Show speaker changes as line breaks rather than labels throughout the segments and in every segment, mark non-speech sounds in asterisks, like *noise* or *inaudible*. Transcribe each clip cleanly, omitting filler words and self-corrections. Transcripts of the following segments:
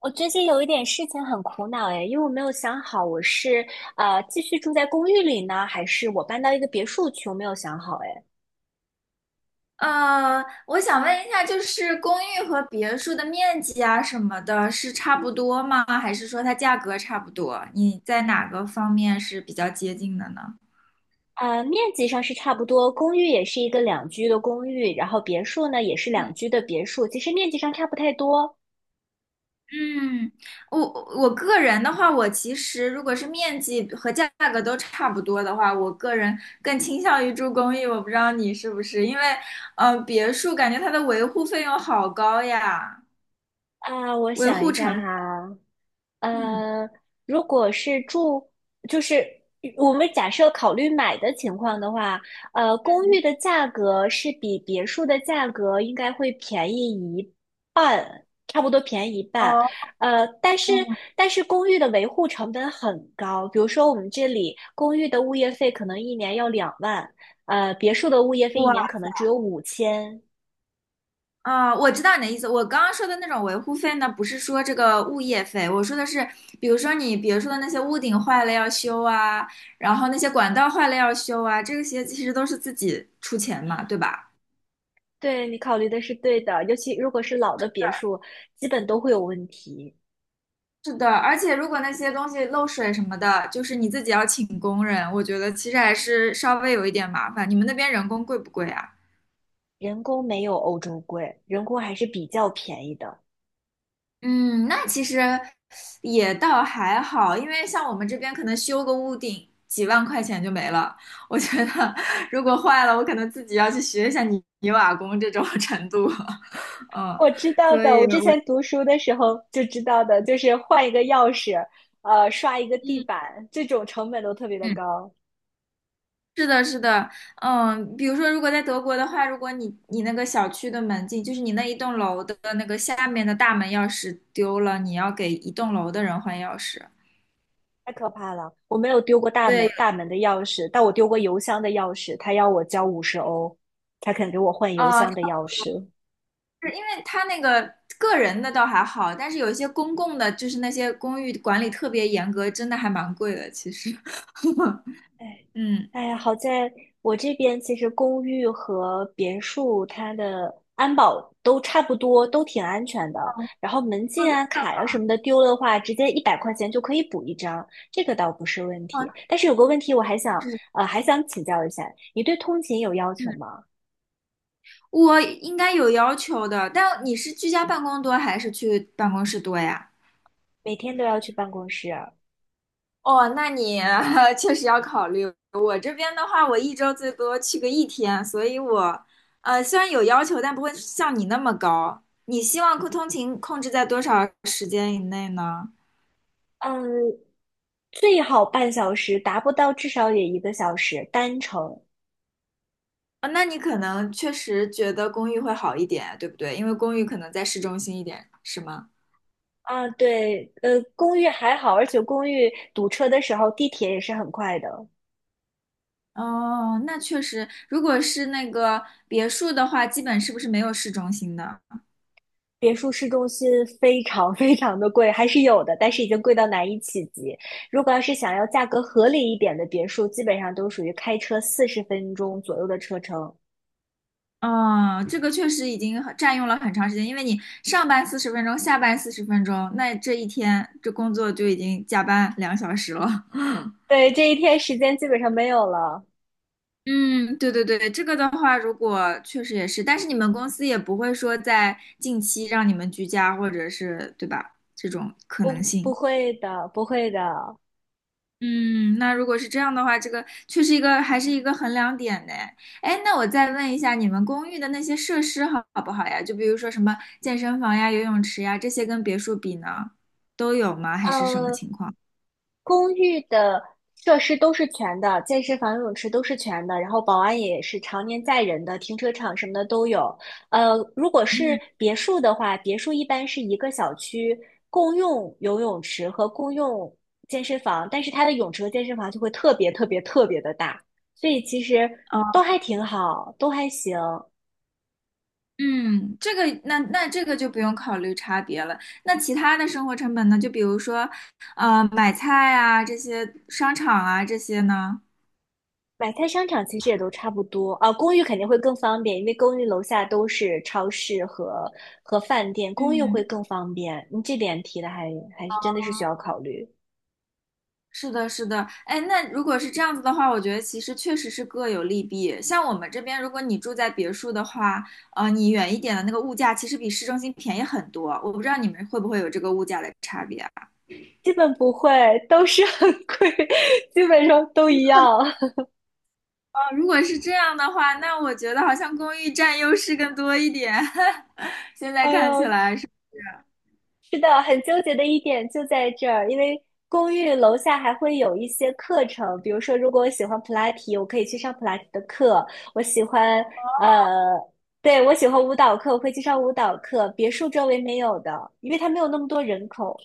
我最近有一点事情很苦恼哎，因为我没有想好我是继续住在公寓里呢，还是我搬到一个别墅去，我没有想好哎。
我想问一下，就是公寓和别墅的面积啊什么的，是差不多吗？还是说它价格差不多？你在哪个方面是比较接近的呢？
面积上是差不多，公寓也是一个两居的公寓，然后别墅呢也是两居的别墅，其实面积上差不太多。
嗯，我我个人的话，我其实如果是面积和价格都差不多的话，我个人更倾向于住公寓。我不知道你是不是，因为别墅感觉它的维护费用好高呀，
啊、我
维
想
护
一
成
下
本。
哈，
嗯，
呃，如果是住，就是我们假设考虑买的情况的话，公寓的价格是比别墅的价格应该会便宜一半，差不多便宜一半。
哦，
呃，但是
嗯，
但是公寓的维护成本很高，比如说我们这里公寓的物业费可能一年要2万，别墅的物业费一
哇。
年可能只有5千。
啊，我知道你的意思。我刚刚说的那种维护费呢，不是说这个物业费，我说的是，比如说你别说的那些屋顶坏了要修啊，然后那些管道坏了要修啊，这些其实都是自己出钱嘛，对吧？
对，你考虑的是对的，尤其如果是老的别墅，基本都会有问题。
是的，而且如果那些东西漏水什么的，就是你自己要请工人，我觉得其实还是稍微有一点麻烦。你们那边人工贵不贵啊？
人工没有欧洲贵，人工还是比较便宜的。
嗯，那其实也倒还好，因为像我们这边可能修个屋顶几万块钱就没了。我觉得如果坏了，我可能自己要去学一下泥瓦工这种 *laughs* 程度。*laughs* 嗯，
我知道
所
的，
以
我之
我
前读书的时候就知道的，就是换一个钥匙，刷一个地
嗯
板，这种成本都特别的
嗯，
高，
是的，是的，嗯，比如说如果在德国的话，如果你那个小区的门禁，就是你那一栋楼的那个下面的大门钥匙丢了，你要给一栋楼的人换钥匙。
太可怕了。我没有丢过大
对，
门大门的钥匙，但我丢过邮箱的钥匙，他要我交50欧，他肯给我换邮
哦，
箱的钥匙。
是因为他那个个人的倒还好，但是有一些公共的，就是那些公寓管理特别严格，真的还蛮贵的。其实，
哎，
*laughs* 嗯，
哎呀，好在我这边其实公寓和别墅它的安保都差不多，都挺安全的。然后门
哦，
禁啊、
那
卡呀、什么的丢了的话，直接100块钱就可以补一张，这个倒不是问
哦，那
题。但是有个问题，我还想
是，
还想请教一下，你对通勤有要求
嗯，
吗？
我应该有要求的。但你是居家办公多还是去办公室多呀？
每天都要去办公室？
哦，那你 *laughs* 确实要考虑。我这边的话，我一周最多去个一天，所以我，虽然有要求，但不会像你那么高。你希望通勤控制在多少时间以内呢？
嗯，最好半小时，达不到至少也一个小时单程。
啊，那你可能确实觉得公寓会好一点，对不对？因为公寓可能在市中心一点，是吗？
啊，对，公寓还好，而且公寓堵车的时候，地铁也是很快的。
哦，那确实，如果是那个别墅的话，基本是不是没有市中心的？
别墅市中心非常 *laughs* 非常的贵，还是有的，但是已经贵到难以企及。如果要是想要价格合理一点的别墅，基本上都属于开车40分钟左右的车程。
哦，这个确实已经很占用了很长时间，因为你上班四十分钟，下班四十分钟，那这一天这工作就已经加班2小时了。
对，这一天时间基本上没有了。
*laughs* 嗯，对对对，这个的话，如果确实也是，但是你们公司也不会说在近期让你们居家，或者是，对吧？这种可能
不，不
性。
会的，不会的。
嗯，那如果是这样的话，这个确实一个还是一个衡量点呢。哎，那我再问一下，你们公寓的那些设施好不好呀？就比如说什么健身房呀、游泳池呀，这些跟别墅比呢，都有吗？还是什么
嗯。
情况？
公寓的设施都是全的，健身房、游泳池都是全的，然后保安也是常年在人的，停车场什么的都有。如果是
嗯，
别墅的话，别墅一般是一个小区共用游泳池和共用健身房，但是它的泳池和健身房就会特别特别特别的大，所以其实都
哦，
还挺好，都还行。
嗯，这个那那这个就不用考虑差别了。那其他的生活成本呢？就比如说，买菜啊，这些商场啊，这些呢？
买菜商场其实也都差不多啊，公寓肯定会更方便，因为公寓楼下都是超市和饭店，公寓会
嗯。
更方便。你这点提的还是真的是需要考虑，
是的，是的，哎，那如果是这样子的话，我觉得其实确实是各有利弊。像我们这边，如果你住在别墅的话，你远一点的那个物价其实比市中心便宜很多。我不知道你们会不会有这个物价的差别啊？
基本不会，都是很贵，*laughs* 基本上都一样。
哦如果是这样的话，那我觉得好像公寓占优势更多一点。*laughs* 现
*laughs*
在
哎
看起
呦，
来是，
是的，很纠结的一点就在这儿，因为公寓楼下还会有一些课程，比如说，如果我喜欢普拉提，我可以去上普拉提的课；我喜欢呃，对，我喜欢舞蹈课，我会去上舞蹈课。别墅周围没有的，因为它没有那么多人口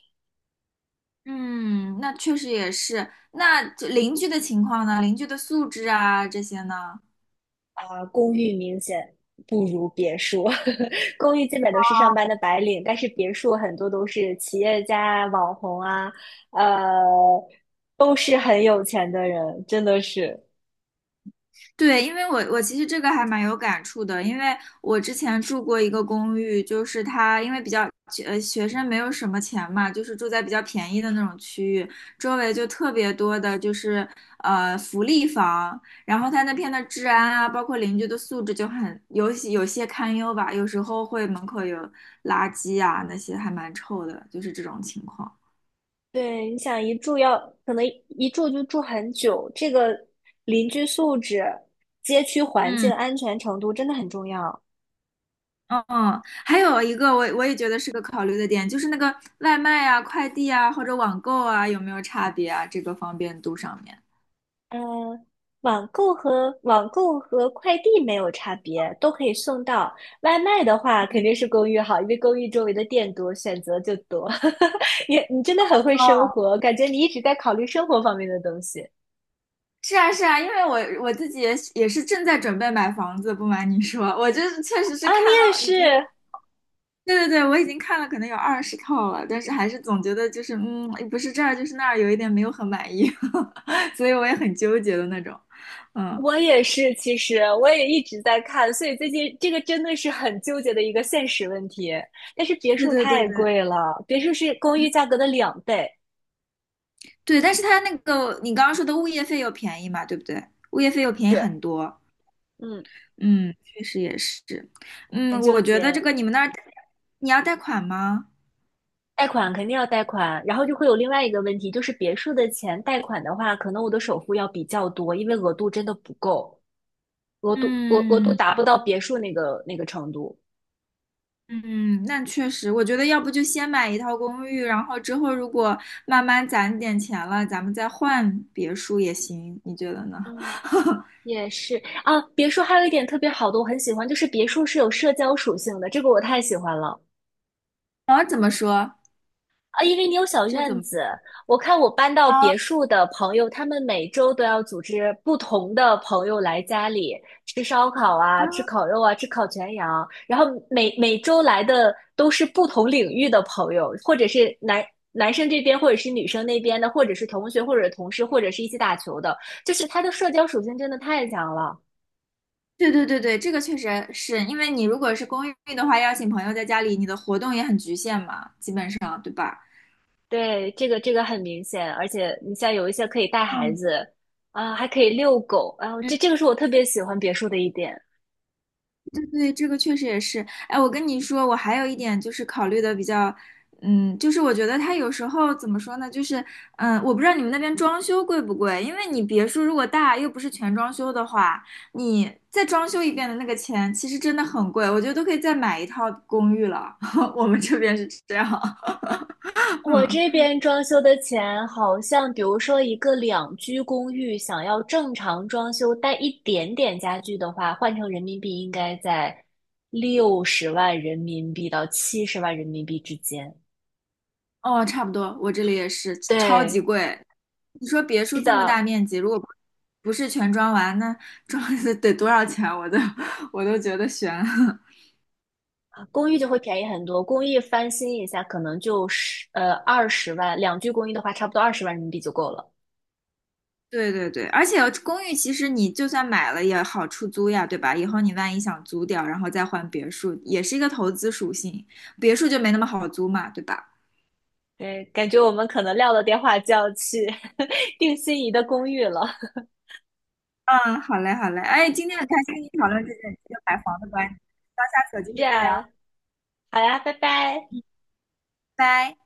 嗯，那确实也是。那这邻居的情况呢？邻居的素质啊，这些呢？
啊，公寓明显不如别墅，*laughs* 公寓基本都是上班的白领，但是别墅很多都是企业家啊网红啊，呃，都是很有钱的人，真的是。
对，因为我其实这个还蛮有感触的，因为我之前住过一个公寓，就是它因为比较学生没有什么钱嘛，就是住在比较便宜的那种区域，周围就特别多的就是福利房，然后它那片的治安啊，包括邻居的素质就很有些堪忧吧，有时候会门口有垃圾啊那些还蛮臭的，就是这种情况。
对，你想一住要可能一住就住很久，这个邻居素质、街区环境
嗯。
安全程度真的很重要。
嗯，还有一个我也觉得是个考虑的点，就是那个外卖啊、快递啊或者网购啊有没有差别啊？这个方便度上面。
嗯，网购和快递没有差别，都可以送到。外卖的话，肯定是公寓好，因为公寓周围的店多，选择就多。*laughs* 你真的很会生活，感觉你一直在考虑生活方面的东西
是啊，是啊，因为我自己也是正在准备买房子，不瞒你说，我就是确实是
啊！你
看
也
了已经，
是，
对对对，我已经看了可能有20套了，但是还是总觉得就是嗯，不是这儿就是那儿，有一点没有很满意，*laughs* 所以我也很纠结的那种。嗯，
我也是，其实我也一直在看，所以最近这个真的是很纠结的一个现实问题。但是别
对
墅
对对
太
对，
贵了，别墅是公
嗯
寓价格的2倍，
对，但是它那个你刚刚说的物业费又便宜嘛，对不对？物业费又便宜
是，
很多。
嗯，
嗯，确实也是。
很
嗯，
纠
我觉得这
结。
个你们那儿你要贷款吗？
贷款肯定要贷款，然后就会有另外一个问题，就是别墅的钱贷款的话，可能我的首付要比较多，因为额度真的不够，额度额额度
嗯
达不到别墅那个程度。
嗯，那确实，我觉得要不就先买一套公寓，然后之后如果慢慢攒点钱了，咱们再换别墅也行，你觉得呢？
嗯，
*laughs*
也是啊，别墅还有一点特别好的，我很喜欢，就是别墅是有社交属性的，这个我太喜欢了。
啊，怎么说？
啊，因为你有小
这怎
院
么？
子，我看我搬到
啊
别墅的朋友，他们每周都要组织不同的朋友来家里吃烧烤啊，吃烤肉啊，吃烤全羊，然后每周来的都是不同领域的朋友，或者是男生这边，或者是女生那边的，或者是同学，或者是同事，或者是一起打球的，就是他的社交属性真的太强了。
对对对对，这个确实是因为你如果是公寓的话，邀请朋友在家里，你的活动也很局限嘛，基本上，对吧？
对，这个很明显，而且你像有一些可以带孩
嗯
子啊，还可以遛狗，啊，
嗯，
这个是我特别喜欢别墅的一点。
对对，这个确实也是。哎，我跟你说，我还有一点就是考虑的比较，嗯，就是我觉得它有时候怎么说呢，就是嗯，我不知道你们那边装修贵不贵，因为你别墅如果大又不是全装修的话，你再装修一遍的那个钱其实真的很贵，我觉得都可以再买一套公寓了。*laughs* 我们这边是这样，*laughs*
我
嗯。
这边装修的钱好像，比如说一个两居公寓，想要正常装修带一点点家具的话，换成人民币应该在60万人民币到70万人民币之间。
哦，差不多，我这里也是超级
对，
贵。你说别墅这么大面积，如果不是全装完，那装 *laughs* 得多少钱？我都觉得悬了
啊公寓就会便宜很多，公寓翻新一下可能就二十万，两居公寓的话差不多20万人民币就够了。
*laughs* 对对对，而且公寓其实你就算买了也好出租呀，对吧？以后你万一想租掉，然后再换别墅，也是一个投资属性，别墅就没那么好租嘛，对吧？
对，感觉我们可能撂了电话就要去 *laughs* 定心仪的公寓了。
嗯，好嘞，好嘞。哎，今天很开心跟你讨论这个买房的观点，到下次有机
是
会再聊，
啊，好呀，拜拜。
拜。